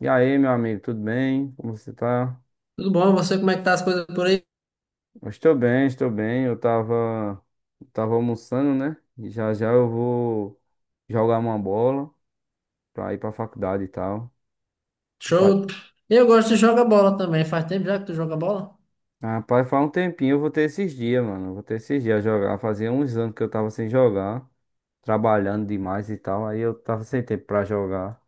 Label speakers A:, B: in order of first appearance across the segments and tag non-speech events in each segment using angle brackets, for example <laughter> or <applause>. A: E aí, meu amigo, tudo bem? Como você tá?
B: Tudo bom? Você, como é que tá as coisas por aí?
A: Eu estou bem, estou bem. Eu tava almoçando, né? E já já eu vou jogar uma bola pra ir pra faculdade e tal. Tu fa-
B: Show. Eu gosto de jogar bola também. Faz tempo já que tu joga bola?
A: Rapaz, faz um tempinho eu vou ter esses dias, mano. Eu vou ter esses dias jogar. Fazia uns anos que eu tava sem jogar, trabalhando demais e tal. Aí eu tava sem tempo pra jogar.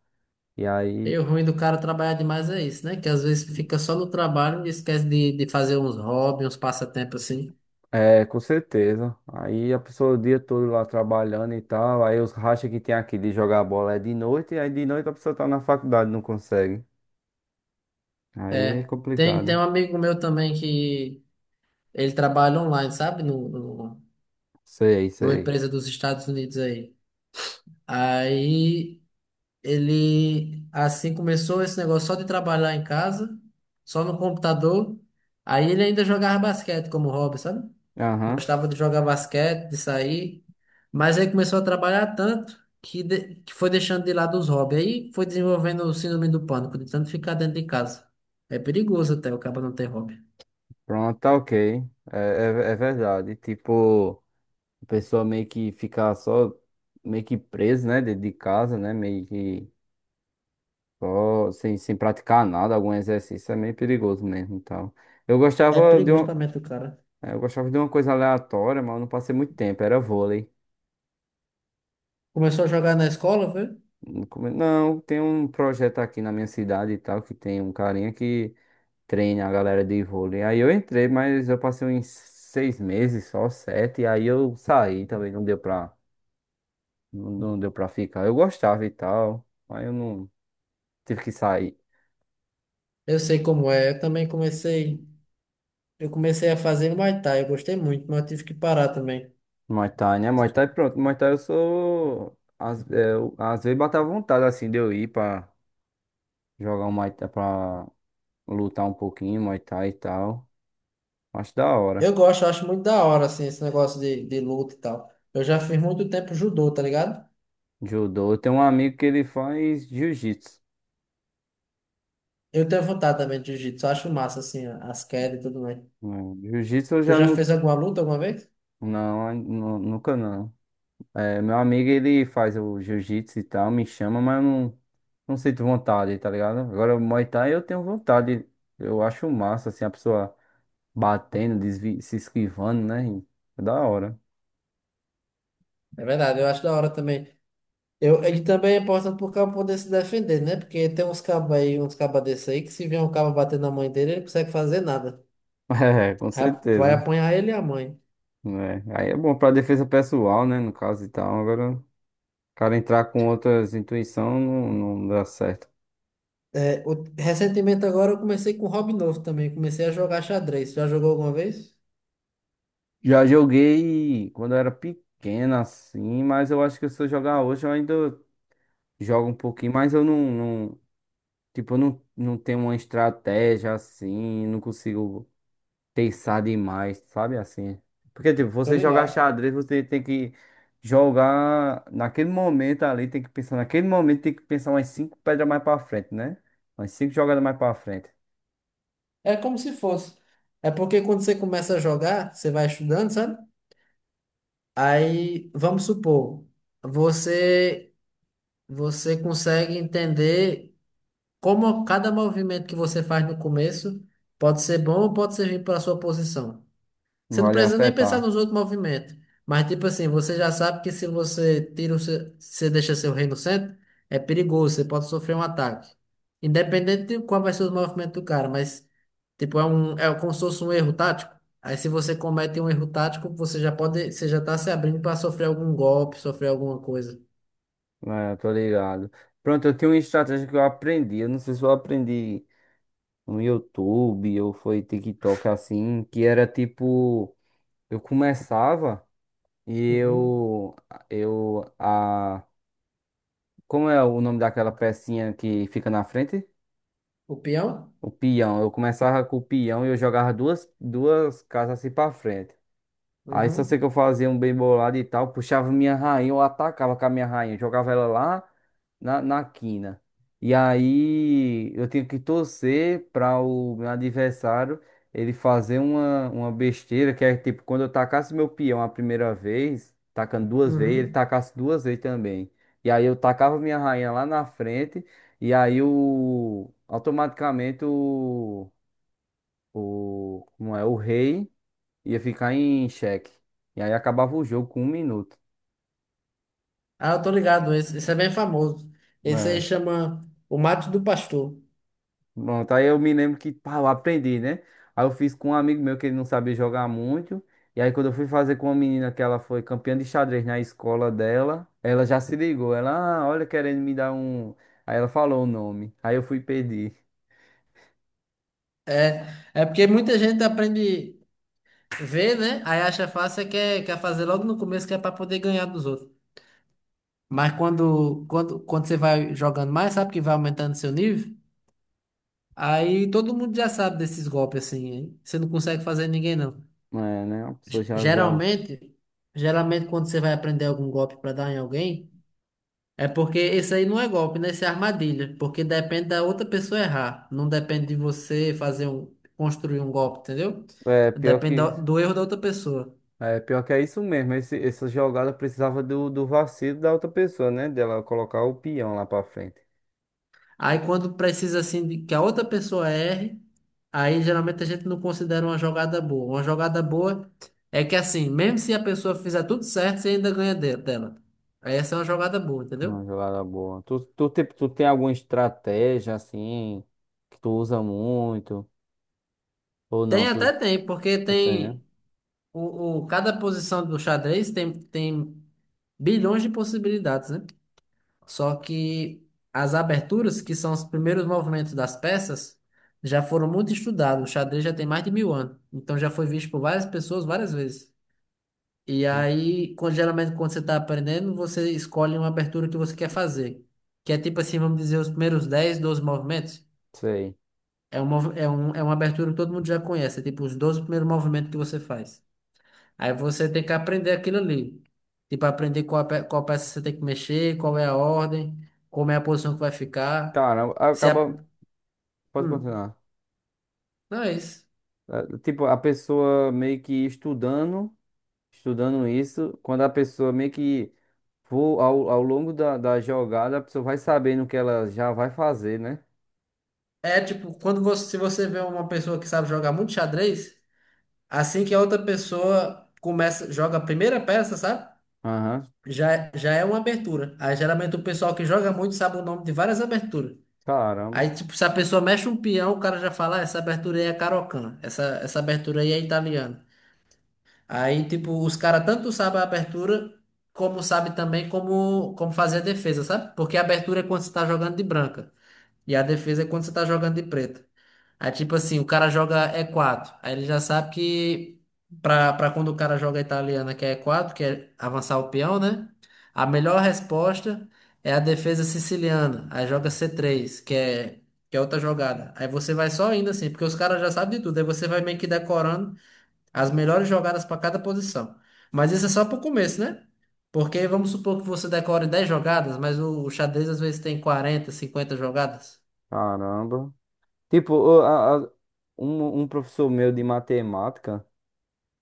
A: E aí.
B: E o ruim do cara trabalhar demais é isso, né? Que às vezes fica só no trabalho e esquece de fazer uns hobbies, uns passatempos assim.
A: É, com certeza. Aí a pessoa o dia todo lá trabalhando e tal, aí os rachas que tem aqui de jogar bola é de noite, e aí de noite a pessoa tá na faculdade, não consegue. Aí é
B: É. Tem
A: complicado.
B: um amigo meu também que ele trabalha online, sabe? No, no,
A: Sei,
B: Numa
A: sei.
B: empresa dos Estados Unidos aí. Aí ele, assim, começou esse negócio só de trabalhar em casa, só no computador. Aí ele ainda jogava basquete como hobby, sabe?
A: Aham.
B: Gostava de jogar basquete, de sair, mas aí começou a trabalhar tanto que foi deixando de lado os hobbies. Aí foi desenvolvendo o síndrome do pânico, de tanto ficar dentro de casa. É perigoso até o cara não ter hobby.
A: Pronto, tá ok. É, verdade. Tipo, a pessoa meio que fica só, meio que presa, né, dentro de casa, né, meio que só sem praticar nada, algum exercício, é meio perigoso mesmo e tal. Eu
B: É
A: gostava de um.
B: perigoso pra mente do cara.
A: É, eu gostava de uma coisa aleatória, mas eu não passei muito tempo, era vôlei.
B: Começou a jogar na escola, foi?
A: Não, não, tem um projeto aqui na minha cidade e tal, que tem um carinha que treina a galera de vôlei. Aí eu entrei, mas eu passei uns 6 meses, só 7, e aí eu saí também, não deu pra, não deu pra ficar. Eu gostava e tal, mas eu não tive que sair.
B: Eu sei como é. Eu também comecei. Eu comecei a fazer Muay Thai. Eu gostei muito, mas eu tive que parar também.
A: Muay Thai, né? Muay Thai, pronto, Muay Thai eu sou. Às vezes bateu vontade, assim, de eu ir pra jogar um Muay Thai, pra lutar um pouquinho, Muay Thai e tal. Acho da hora.
B: Eu gosto, eu acho muito da hora, assim, esse negócio de luta e tal. Eu já fiz muito tempo judô, tá ligado?
A: Judô. Eu tenho um amigo que ele faz jiu-jitsu.
B: Eu tenho vontade também de jiu-jitsu, eu acho massa, assim, as quedas e tudo mais.
A: Jiu-jitsu eu
B: Tu
A: já
B: já
A: não.
B: fez alguma luta alguma vez?
A: Não, nunca não. É, meu amigo ele faz o jiu-jitsu e tal, me chama, mas eu não sinto vontade, tá ligado? Agora o Muay Thai eu tenho vontade. Eu acho massa, assim, a pessoa batendo, se esquivando, né? É da hora.
B: É verdade, eu acho da hora também. Ele também é importante pro cabo poder se defender, né? Porque tem uns cabos aí, uns cabas desse aí, que se vier um cabo bater na mãe dele, ele não consegue fazer nada.
A: <laughs> É, com
B: Vai
A: certeza.
B: apanhar ele e a mãe.
A: É. Aí é bom pra defesa pessoal, né? No caso e tal. Agora, o cara entrar com outras intuições não dá certo.
B: É, recentemente agora eu comecei com um hobby novo também, comecei a jogar xadrez. Já jogou alguma vez?
A: Já joguei quando eu era pequeno, assim, mas eu acho que se eu jogar hoje, eu ainda jogo um pouquinho, mas eu tipo, eu não tenho uma estratégia assim, não consigo pensar demais, sabe assim? Porque, tipo,
B: Tô
A: você jogar
B: ligado.
A: xadrez, você tem que jogar naquele momento ali, tem que pensar naquele momento, tem que pensar umas cinco pedras mais pra frente, né? Umas cinco jogadas mais pra frente.
B: É como se fosse. É porque quando você começa a jogar, você vai estudando, sabe? Aí, vamos supor, você você consegue entender como cada movimento que você faz no começo pode ser bom ou pode servir para a sua posição.
A: Não
B: Você não
A: vai lhe
B: precisa nem pensar
A: afetar.
B: nos outros movimentos. Mas, tipo assim, você já sabe que se você tira o seu, se você deixa seu rei no centro, é perigoso, você pode sofrer um ataque. Independente de qual vai ser os movimentos do cara, mas, tipo, é como se fosse um erro tático. Aí, se você comete um erro tático, você já tá se abrindo para sofrer algum golpe, sofrer alguma coisa.
A: É, tô ligado. Pronto, eu tenho uma estratégia que eu aprendi. Eu não sei se eu aprendi, no YouTube ou foi TikTok assim, que era tipo, eu começava e
B: Uhum.
A: eu a como é o nome daquela pecinha que fica na frente?
B: O peão?
A: O peão. Eu começava com o peão e eu jogava duas casas assim para frente. Aí só sei
B: Uhum.
A: que eu fazia um bem bolado e tal, puxava minha rainha, eu atacava com a minha rainha, jogava ela lá na quina. E aí eu tinha que torcer para o meu adversário ele fazer uma besteira, que é tipo, quando eu tacasse meu peão a primeira vez, tacando duas vezes, ele
B: Uhum.
A: tacasse duas vezes também. E aí eu tacava minha rainha lá na frente, e aí automaticamente como é, o rei ia ficar em xeque. E aí acabava o jogo com um minuto.
B: Ah, eu tô ligado, esse é bem famoso. Esse aí
A: Né?
B: chama o mate do pastor.
A: Pronto, aí eu me lembro que, pá, eu aprendi, né? Aí eu fiz com um amigo meu que ele não sabia jogar muito. E aí quando eu fui fazer com uma menina que ela foi campeã de xadrez na escola dela, ela já se ligou. Ela, ah, olha, querendo me dar um. Aí ela falou o nome. Aí eu fui pedir.
B: É, é porque muita gente aprende a ver, né? Aí acha fácil, e quer fazer logo no começo, que é para poder ganhar dos outros. Mas quando você vai jogando mais, sabe que vai aumentando seu nível? Aí todo mundo já sabe desses golpes assim, hein? Você não consegue fazer ninguém, não.
A: É, né? A pessoa
B: G-
A: já, já...
B: Geralmente, geralmente quando você vai aprender algum golpe para dar em alguém. É porque esse aí não é golpe, né? Esse é armadilha. Porque depende da outra pessoa errar. Não depende de você construir um golpe, entendeu?
A: É, pior
B: Depende
A: que...
B: do erro da outra pessoa.
A: É, pior que é isso mesmo. Essa jogada precisava do vacilo da outra pessoa, né? Dela colocar o peão lá pra frente.
B: Aí quando precisa assim de que a outra pessoa erre, aí geralmente a gente não considera uma jogada boa. Uma jogada boa é que assim, mesmo se a pessoa fizer tudo certo, você ainda ganha dela. Aí essa é uma jogada boa, entendeu?
A: Uma jogada boa. Tu tem alguma estratégia assim que tu usa muito? Ou não?
B: Tem
A: Tu,
B: até tem, porque
A: tu tem, né?
B: tem cada posição do xadrez tem bilhões de possibilidades, né? Só que as aberturas, que são os primeiros movimentos das peças, já foram muito estudados. O xadrez já tem mais de mil anos. Então já foi visto por várias pessoas várias vezes. E
A: Hum,
B: aí, geralmente, quando você está aprendendo, você escolhe uma abertura que você quer fazer. Que é tipo assim, vamos dizer, os primeiros 10 12 movimentos.
A: sei.
B: É uma abertura que todo mundo já conhece. É tipo os 12 primeiros movimentos que você faz. Aí você tem que aprender aquilo ali. Tipo, aprender qual peça você tem que mexer, qual é a ordem, como é a posição que vai ficar.
A: Cara,
B: Se
A: acaba.
B: a...
A: Pode
B: hum,
A: continuar.
B: não é isso.
A: É, tipo, a pessoa meio que estudando isso, quando a pessoa meio que for ao longo da jogada, a pessoa vai sabendo o que ela já vai fazer, né?
B: É tipo, se você vê uma pessoa que sabe jogar muito xadrez, assim que a outra pessoa começa, joga a primeira peça, sabe?
A: Aham.
B: Já é uma abertura. Aí geralmente o pessoal que joga muito sabe o nome de várias aberturas.
A: Caramba,
B: Aí, tipo, se a pessoa mexe um peão, o cara já fala, ah, essa abertura aí é cariocan, essa abertura aí é italiana. Aí, tipo, os caras tanto sabem a abertura, como sabem também como fazer a defesa, sabe? Porque a abertura é quando você tá jogando de branca. E a defesa é quando você tá jogando de preta. Aí, tipo assim, o cara joga e4. Aí ele já sabe que pra quando o cara joga a italiana, que é e4 que é avançar o peão, né? A melhor resposta é a defesa siciliana. Aí joga c3 que é outra jogada. Aí você vai só indo assim, porque os caras já sabem de tudo. Aí você vai meio que decorando as melhores jogadas para cada posição. Mas isso é só para o começo, né? Porque vamos supor que você decore 10 jogadas, mas o xadrez às vezes tem 40, 50 jogadas.
A: caramba. Tipo, um professor meu de matemática.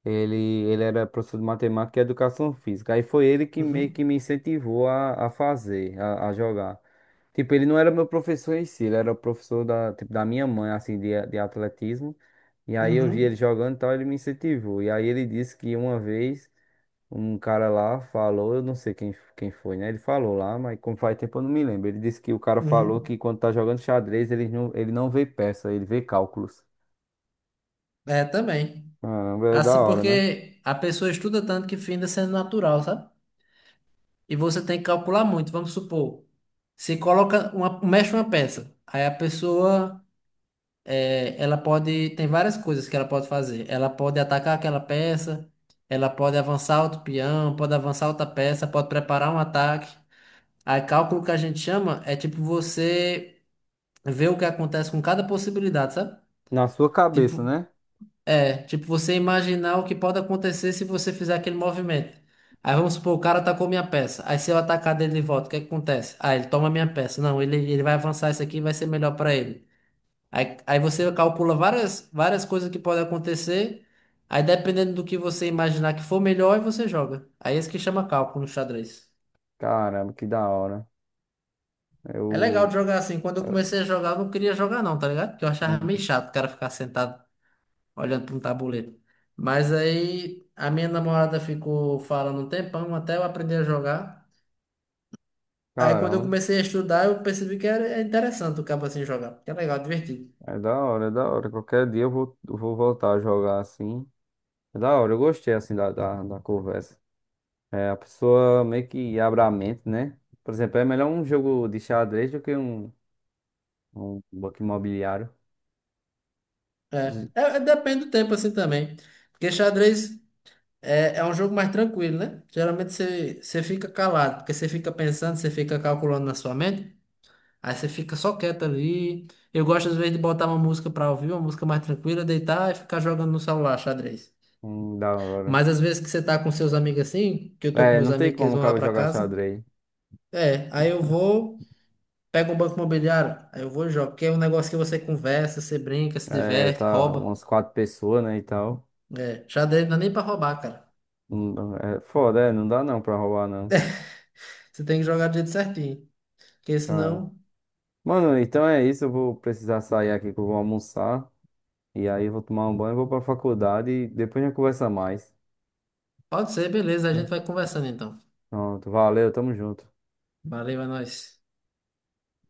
A: Ele, ele era professor de matemática e educação física. Aí foi ele que meio que
B: Uhum.
A: me incentivou a fazer, a jogar. Tipo, ele não era meu professor em si, ele era o professor da minha mãe, assim, de atletismo. E aí eu vi ele
B: Uhum.
A: jogando e tal, ele me incentivou. E aí ele disse que uma vez um cara lá falou, eu não sei quem foi, né? Ele falou lá, mas como faz tempo eu não me lembro. Ele disse que o cara falou
B: Uhum.
A: que quando tá jogando xadrez, ele não vê peça, ele vê cálculos.
B: É, também.
A: Caramba, é da
B: Assim
A: hora, né?
B: porque a pessoa estuda tanto que finda sendo natural, sabe? E você tem que calcular muito. Vamos supor, se coloca uma, mexe uma peça, aí a pessoa ela tem várias coisas que ela pode fazer. Ela pode atacar aquela peça, ela pode avançar outro peão, pode avançar outra peça, pode preparar um ataque. Aí, cálculo que a gente chama é tipo você ver o que acontece com cada possibilidade, sabe?
A: Na sua cabeça,
B: Tipo,
A: né?
B: tipo você imaginar o que pode acontecer se você fizer aquele movimento. Aí vamos supor, o cara atacou minha peça. Aí se eu atacar dele de volta, o que é que acontece? Ah, ele toma minha peça. Não, ele vai avançar isso aqui, e vai ser melhor pra ele. Aí você calcula várias, várias coisas que podem acontecer. Aí dependendo do que você imaginar que for melhor, aí você joga. Aí é isso que chama cálculo no xadrez.
A: Caramba, que da hora.
B: É legal de
A: Eu.
B: jogar assim. Quando eu comecei a jogar, eu não queria jogar não, tá ligado? Porque eu achava meio chato o cara ficar sentado olhando para um tabuleiro. Mas aí a minha namorada ficou falando um tempão até eu aprender a jogar. Aí quando eu
A: Caramba,
B: comecei a estudar, eu percebi que era interessante o cabo assim jogar. Que é legal, divertido.
A: é da hora, é da hora. Qualquer dia eu vou voltar a jogar assim. É da hora, eu gostei assim da conversa. É, a pessoa meio que abre a mente, né? Por exemplo, é melhor um jogo de xadrez do que um banco imobiliário. Zi-
B: Depende do tempo assim também. Porque xadrez é um jogo mais tranquilo, né? Geralmente você fica calado, porque você fica pensando, você fica calculando na sua mente, aí você fica só quieto ali. Eu gosto, às vezes, de botar uma música pra ouvir, uma música mais tranquila, deitar e ficar jogando no celular, xadrez.
A: da hora.
B: Mas às vezes que você tá com seus amigos assim, que eu tô com
A: É,
B: meus
A: não tem
B: amigos que eles
A: como o
B: vão lá
A: cara
B: pra
A: jogar
B: casa,
A: xadrez.
B: é, aí eu vou, pego um banco imobiliário, aí eu vou e jogo, que é um negócio que você conversa, você brinca, se
A: É,
B: diverte,
A: tá
B: rouba.
A: umas quatro pessoas, né, e tal.
B: É, xadrez não é nem pra roubar, cara.
A: Não dá- É foda, é, não dá não pra roubar não.
B: Você tem que jogar do jeito certinho, porque senão.
A: Mano, então é isso. Eu vou precisar sair aqui que eu vou almoçar. E aí eu vou tomar um banho, vou pra faculdade e depois a gente conversa mais.
B: Pode ser, beleza. A gente
A: Viu?
B: vai conversando então.
A: Pronto, valeu, tamo junto.
B: Valeu, é nóis.